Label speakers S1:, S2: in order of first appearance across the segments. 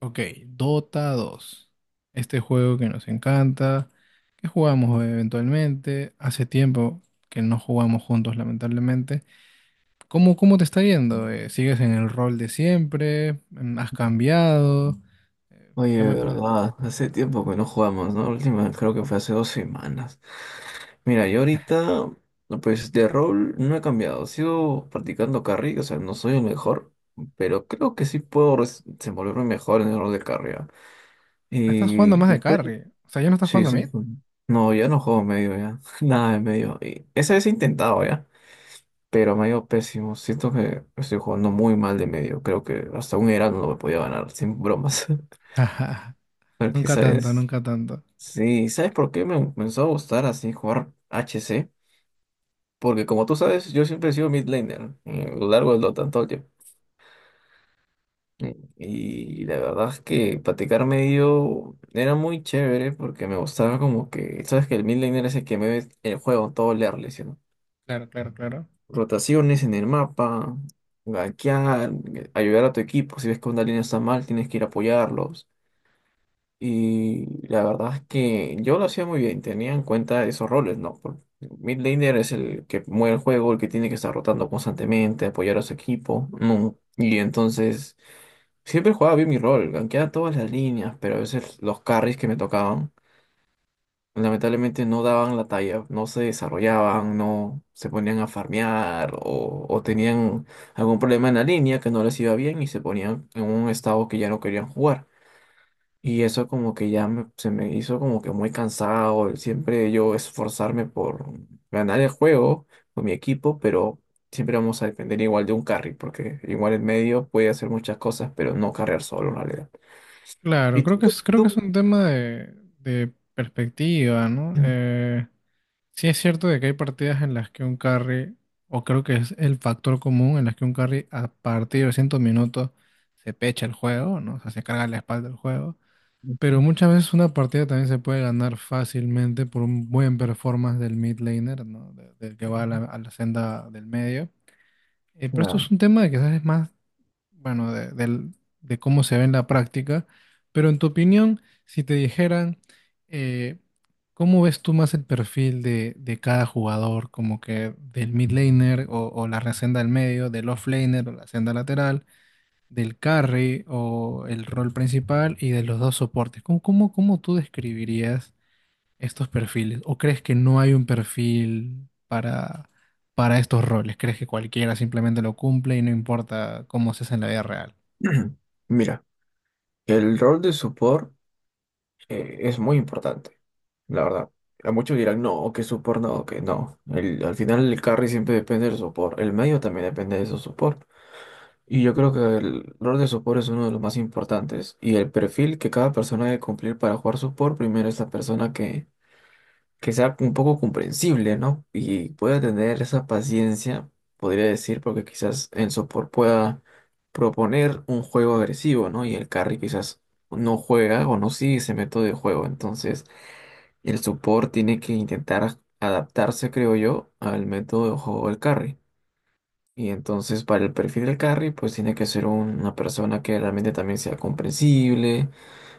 S1: Ok, Dota dos, este juego que nos encanta, que jugamos eventualmente. Hace tiempo que no jugamos juntos, lamentablemente. ¿Cómo te está yendo? ¿sigues en el rol de siempre? ¿Has cambiado? Eh,
S2: Oye,
S1: ¿Qué
S2: de
S1: me puedes...?
S2: verdad, hace tiempo que no jugamos, ¿no? La última creo que fue hace 2 semanas. Mira, yo ahorita, pues de rol no he cambiado, sigo practicando carry, o sea, no soy el mejor, pero creo que sí puedo desenvolverme mejor en el rol de carry. ¿Ah?
S1: Ah, estás
S2: Y
S1: jugando más
S2: y
S1: de
S2: creo-
S1: carry. O sea, ¿ya no estás
S2: sí,
S1: jugando a
S2: sí.
S1: mid?
S2: Pues, no, ya no juego medio, ya. Nada de medio. Y esa vez he intentado, ya, pero me ha ido pésimo. Siento que estoy jugando muy mal de medio. Creo que hasta un Heraldo no me podía ganar, sin bromas. Porque,
S1: Nunca tanto,
S2: ¿sabes?
S1: nunca tanto.
S2: Sí, ¿sabes por qué me empezó a gustar así jugar HC? Porque como tú sabes, yo siempre he sido mid laner, a lo largo de lo tanto yo. Y la verdad es que platicar medio era muy chévere porque me gustaba como que, sabes que el mid laner es el que me ve el juego todo leerle, ¿sí no?
S1: Claro, claro, claro.
S2: Rotaciones en el mapa, gankear, ayudar a tu equipo, si ves que una línea está mal, tienes que ir a apoyarlos. Y la verdad es que yo lo hacía muy bien, tenía en cuenta esos roles, ¿no? Mid laner es el que mueve el juego, el que tiene que estar rotando constantemente, apoyar a su equipo, ¿no? Y entonces siempre jugaba bien mi rol, ganqueaba todas las líneas, pero a veces los carries que me tocaban lamentablemente no daban la talla, no se desarrollaban, no se ponían a farmear, o tenían algún problema en la línea que no les iba bien y se ponían en un estado que ya no querían jugar. Y eso como que ya se me hizo como que muy cansado, el siempre yo esforzarme por ganar el juego con mi equipo, pero siempre vamos a depender igual de un carry, porque igual el medio puede hacer muchas cosas, pero no carrear solo en realidad.
S1: Claro,
S2: Y
S1: creo
S2: tú,
S1: que es, creo que es
S2: tú-
S1: un tema de perspectiva, ¿no? Sí es cierto de que hay partidas en las que un carry, o creo que es el factor común en las que un carry a partir de 100 minutos se pecha el juego, ¿no? O sea, se carga la espalda del juego. Pero muchas veces una partida también se puede ganar fácilmente por un buen performance del mid laner, ¿no? Del que va a la senda del medio. Pero esto
S2: Ah.
S1: es un tema de que quizás es más bueno, de, de cómo se ve en la práctica, pero en tu opinión, si te dijeran, eh, ¿cómo ves tú más el perfil de cada jugador, como que del mid laner o la senda del medio, del off laner o la senda lateral, del carry o el rol principal y de los dos soportes? ¿Cómo tú describirías estos perfiles? ¿O crees que no hay un perfil para estos roles, ¿crees que cualquiera simplemente lo cumple y no importa cómo se hace en la vida real?
S2: Mira, el rol de support, es muy importante, la verdad. A muchos dirán, no, que support no, que no. El- al final el carry siempre depende del support, el medio también depende de su support. Y yo creo que el rol de support es uno de los más importantes. Y el perfil que cada persona debe cumplir para jugar support, primero es la persona que sea un poco comprensible, ¿no? Y pueda tener esa paciencia, podría decir, porque quizás el support pueda proponer un juego agresivo, ¿no? Y el carry quizás no juega o no sigue ese método de juego. Entonces, el support tiene que intentar adaptarse, creo yo, al método de juego del carry. Y entonces para el perfil del carry, pues tiene que ser un- una persona que realmente también sea comprensible,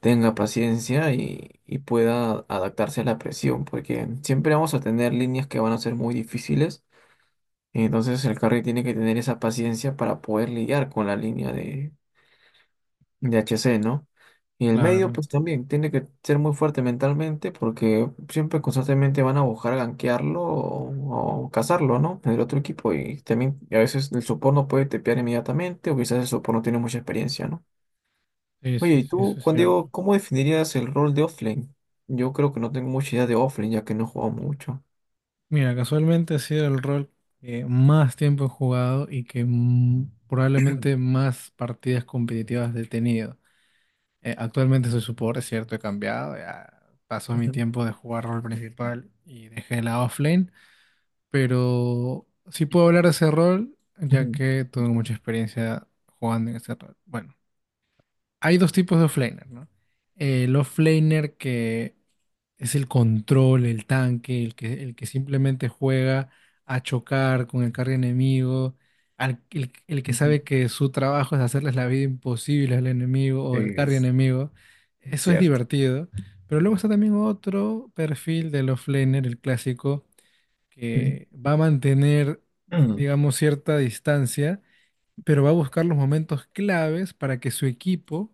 S2: tenga paciencia y pueda adaptarse a la presión, porque siempre vamos a tener líneas que van a ser muy difíciles. Y entonces el carry tiene que tener esa paciencia para poder lidiar con la línea de HC, ¿no? Y el medio,
S1: Claro,
S2: pues también tiene que ser muy fuerte mentalmente porque siempre constantemente van a buscar gankearlo o cazarlo, ¿no? En el otro equipo. Y también a veces el support no puede tepear inmediatamente o quizás el support no tiene mucha experiencia, ¿no?
S1: sí,
S2: Oye,
S1: sí,
S2: ¿y
S1: sí,
S2: tú,
S1: eso es
S2: Juan Diego,
S1: cierto.
S2: cómo definirías el rol de offlane? Yo creo que no tengo mucha idea de offlane ya que no he jugado mucho.
S1: Mira, casualmente ha sido el rol que más tiempo he jugado y que probablemente más partidas competitivas he tenido. Actualmente soy support, es cierto, he cambiado, ya pasó mi
S2: Ujú.
S1: tiempo de jugar rol principal y dejé la offlane, pero sí puedo hablar de ese rol ya
S2: Ujú,
S1: que
S2: ujú,
S1: tuve mucha experiencia jugando en ese rol. Bueno, hay dos tipos de offlaner, ¿no? El offlaner que es el control, el tanque, el que simplemente juega a chocar con el carry enemigo, el que
S2: ujú.
S1: sabe que su trabajo es hacerles la vida imposible al enemigo o al carry
S2: Es
S1: enemigo. Eso es
S2: cierto.
S1: divertido. Pero luego está también otro perfil del offlaner, el clásico,
S2: Ujú.
S1: que va a mantener, digamos, cierta distancia, pero va a buscar los momentos claves para que su equipo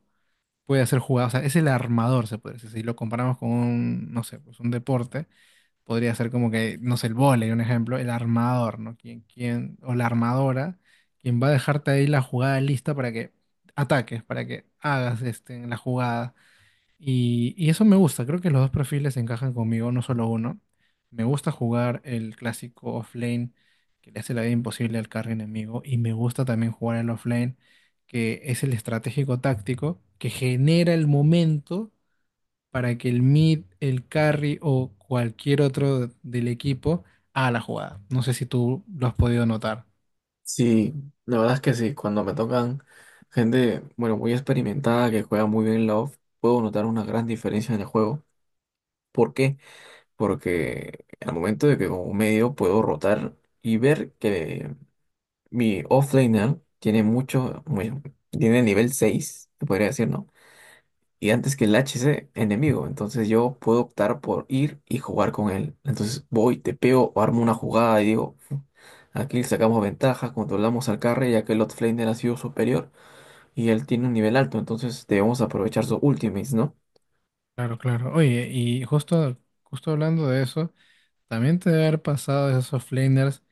S1: puede hacer jugadas, o sea, es el armador, se puede decir. Si lo comparamos con un, no sé, pues un deporte, podría ser como que, no sé, el vóley, un ejemplo, el armador, ¿no? Quien, quien, o la armadora, quien va a dejarte ahí la jugada lista para que ataques, para que hagas este, la jugada. Y eso me gusta, creo que los dos perfiles encajan conmigo, no solo uno. Me gusta jugar el clásico offlane que le hace la vida imposible al carry enemigo y me gusta también jugar el offlane que es el estratégico táctico que genera el momento para que el mid, el carry o cualquier otro del equipo haga la jugada. No sé si tú lo has podido notar.
S2: Sí, la verdad es que sí, cuando me tocan gente, bueno, muy experimentada que juega muy bien Love, puedo notar una gran diferencia en el juego. ¿Por qué? Porque al momento de que como medio puedo rotar y ver que mi offlaner tiene mucho, bueno, tiene nivel 6, se podría decir, ¿no? Y antes que el HC enemigo, entonces yo puedo optar por ir y jugar con él. Entonces voy, tepeo o armo una jugada y digo... Aquí sacamos ventaja, controlamos al carry ya que el offlaner ha sido superior y él tiene un nivel alto, entonces debemos aprovechar sus ultimates, ¿no?
S1: Claro, claro. Oye, y justo hablando de eso, también te debe haber pasado de esos offlaners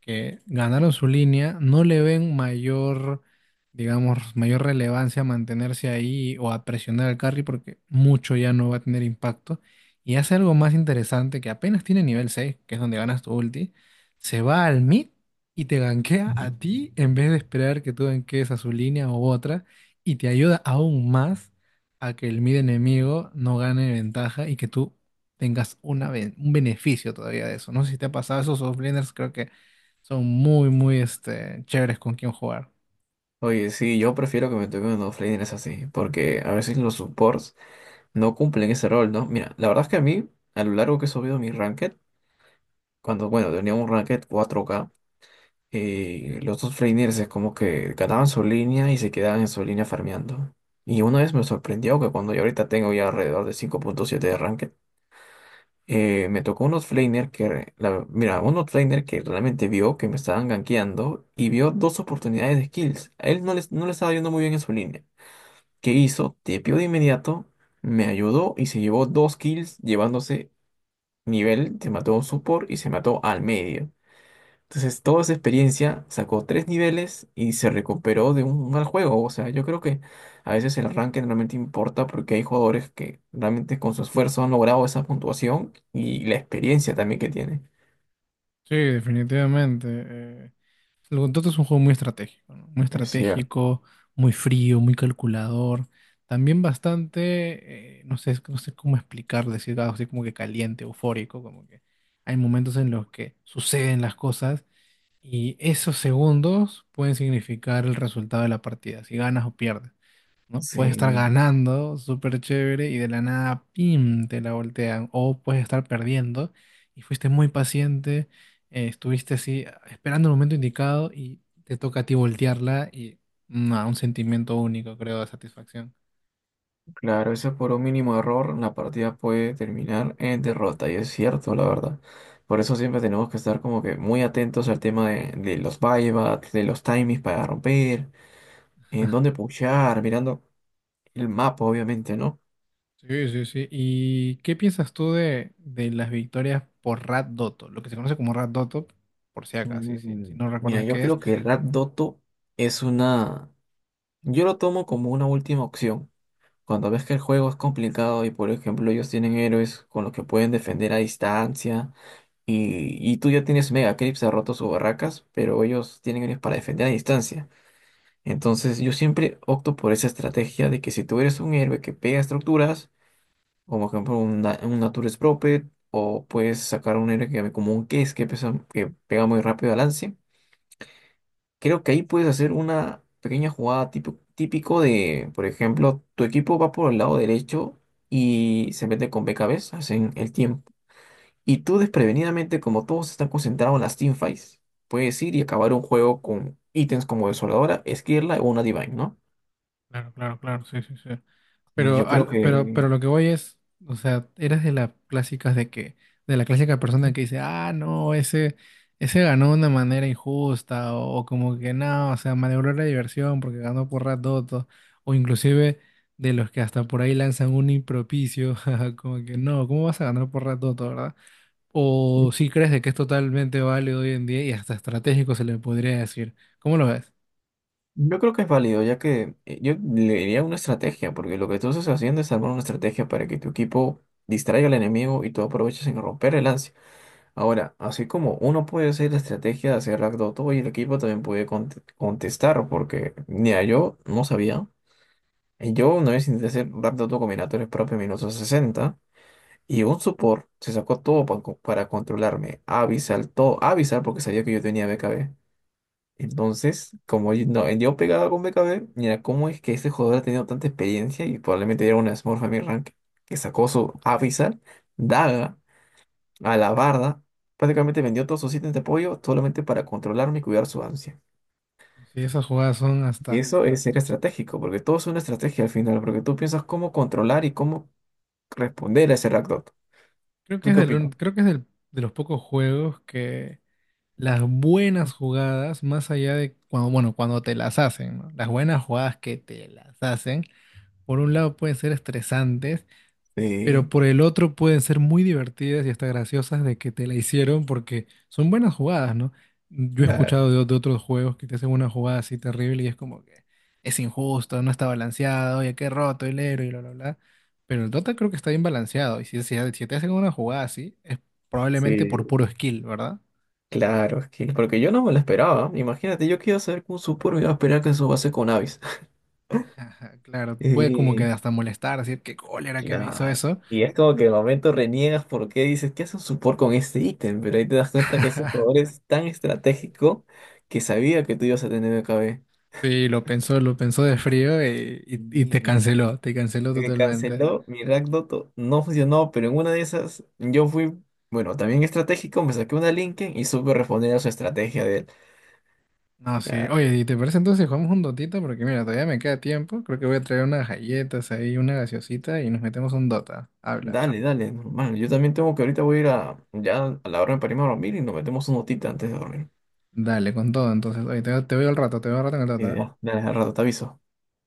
S1: que ganaron su línea, no le ven mayor, digamos, mayor relevancia a mantenerse ahí o a presionar al carry porque mucho ya no va a tener impacto. Y hace algo más interesante que apenas tiene nivel 6 que es donde ganas tu ulti, se va al mid y te gankea a ti en vez de esperar que tú gankees a su línea u otra y te ayuda aún más a que el mid enemigo no gane ventaja y que tú tengas una, un beneficio todavía de eso. No sé si te ha pasado esos offlaners, creo que son muy este, chéveres con quien jugar.
S2: Oye, sí, yo prefiero que me toquen los laners así, porque a veces los supports no cumplen ese rol, ¿no? Mira, la verdad es que a mí, a lo largo que he subido mi ranked, cuando, bueno, tenía un ranked 4K, los dos laners es como que ganaban su línea y se quedaban en su línea farmeando. Y una vez me sorprendió que cuando yo ahorita tengo ya alrededor de 5.7 de ranked, me tocó unos flaner que, mira, unos flaner que realmente vio que me estaban gankeando y vio dos oportunidades de kills. A él no le estaba yendo muy bien en su línea. ¿Qué hizo? Tepeó de inmediato, me ayudó y se llevó dos kills, llevándose nivel, se mató a un support y se mató al medio. Entonces, toda esa experiencia sacó tres niveles y se recuperó de un mal juego. O sea, yo creo que a veces el ranking realmente importa porque hay jugadores que realmente con su esfuerzo han logrado esa puntuación y la experiencia también que tienen.
S1: Sí, definitivamente. El Gontoto es un juego muy estratégico, ¿no? Muy
S2: Es cierto.
S1: estratégico, muy frío, muy calculador. También bastante, no sé, no sé cómo explicarlo, decir algo así como que caliente, eufórico, como que hay momentos en los que suceden las cosas y esos segundos pueden significar el resultado de la partida, si ganas o pierdes. ¿No? Puedes estar
S2: Sí,
S1: ganando, súper chévere, y de la nada, ¡pim!, te la voltean. O puedes estar perdiendo y fuiste muy paciente, estuviste así esperando el momento indicado y te toca a ti voltearla y no, un sentimiento único, creo, de satisfacción.
S2: claro, eso por un mínimo error la partida puede terminar en derrota y es cierto, la verdad. Por eso siempre tenemos que estar como que muy atentos al tema de los buybacks, de los timings para romper, en dónde pushar, mirando el mapa, obviamente, ¿no?
S1: Sí, sí, sí. ¿Y qué piensas tú de las victorias por Rat Dotto? Lo que se conoce como Rat Dotto, por si acaso, si no
S2: Mira,
S1: recuerdas
S2: yo
S1: qué es.
S2: creo que Rap Doto es una... Yo lo tomo como una última opción. Cuando ves que el juego es complicado y, por ejemplo, ellos tienen héroes con los que pueden defender a distancia y tú ya tienes Mega Creeps, ha roto sus barracas, pero ellos tienen héroes para defender a distancia. Entonces yo siempre opto por esa estrategia de que si tú eres un héroe que pega estructuras, como por ejemplo un, un Nature Prophet, o puedes sacar un héroe que, como un Case que pega muy rápido al lance. Creo que ahí puedes hacer una pequeña jugada típico, típico de, por ejemplo, tu equipo va por el lado derecho y se mete con BKBs, hacen el tiempo. Y tú desprevenidamente, como todos están concentrados en las teamfights, puedes ir y acabar un juego con ítems como Desoladora, Esquirla o una Divine, ¿no?
S1: Claro, claro, claro, sí, sí, sí.
S2: Y yo
S1: Pero,
S2: creo
S1: al- pero, pero
S2: que,
S1: lo que voy es, o sea, eres de las clásicas de que, de la clásica persona que dice, ah, no, ese ganó de una manera injusta, o como que no, o sea, malogró la diversión porque ganó por ratoto, o inclusive de los que hasta por ahí lanzan un impropicio, jaja, como que no, ¿cómo vas a ganar por ratoto, verdad? O si crees de que es totalmente válido hoy en día y hasta estratégico se le podría decir. ¿Cómo lo ves?
S2: yo creo que es válido, ya que, yo le diría una estrategia, porque lo que tú estás haciendo es armar una estrategia para que tu equipo distraiga al enemigo y tú aproveches en romper el lance. Ahora, así como uno puede hacer la estrategia de hacer ragdoll todo y el equipo también puede contestar, porque mira, yo no sabía. Y yo una vez intenté hacer ragdoll combinatorios propios en minutos 60 y un support se sacó todo para controlarme. Avisal, todo, avisar porque sabía que yo tenía BKB. Entonces, como yo, no, yo pegaba con BKB, mira, ¿cómo es que este jugador ha tenido tanta experiencia y probablemente era una Smurf a mi rank que sacó su avisar, daga? A la barda, prácticamente vendió todos sus ítems de apoyo solamente para controlarme y cuidar su ansia.
S1: Si esas jugadas son
S2: Y
S1: hasta
S2: eso es ser estratégico, porque todo es una estrategia al final, porque tú piensas cómo controlar y cómo responder a ese Rakdos.
S1: Creo que
S2: ¿Tú
S1: es
S2: qué
S1: del un-
S2: opinas?
S1: creo que es del- de los pocos juegos que las buenas jugadas, más allá de cuando, bueno, cuando te las hacen, ¿no? Las buenas jugadas que te las hacen, por un lado pueden ser estresantes pero
S2: Sí,
S1: por el otro pueden ser muy divertidas y hasta graciosas de que te la hicieron porque son buenas jugadas, ¿no? Yo he
S2: claro.
S1: escuchado de otros juegos que te hacen una jugada así terrible y es como que es injusto, no está balanceado, oye, qué roto el héroe y bla, bla, bla. Pero el Dota creo que está bien balanceado y si te hacen una jugada así es probablemente por
S2: Sí,
S1: puro skill, ¿verdad?
S2: claro, es que porque yo no me lo esperaba. Imagínate, yo qué iba a hacer con Supor, iba a esperar que su base con Avis.
S1: Ajá, claro, puede como que
S2: Eh,
S1: hasta molestar, decir qué cólera que me hizo
S2: Claro.
S1: eso.
S2: Y es como que de momento reniegas porque dices, ¿qué hace un support con este ítem? Pero ahí te das cuenta que ese jugador es tan estratégico que sabía que tú ibas a tener BKB.
S1: Sí, lo pensó de frío y, y
S2: Y
S1: te canceló totalmente.
S2: canceló mi Rakdoto, no funcionó, pero en una de esas yo fui, bueno, también estratégico, me saqué una Linken y supe responder a su estrategia de, él.
S1: No, sí.
S2: ah,
S1: Oye, ¿y te parece entonces si jugamos un dotita? Porque mira, todavía me queda tiempo. Creo que voy a traer unas galletas ahí, una gaseosita y nos metemos un dota. Habla.
S2: Dale, dale, normal, yo también tengo que ahorita voy a ir a, ya a la hora de parirme a dormir y nos metemos un notita antes de dormir.
S1: Dale, con todo entonces. Oye, te veo al rato, te veo al rato en el dota.
S2: Y ya,
S1: ¿Eh?
S2: dale, al rato te aviso.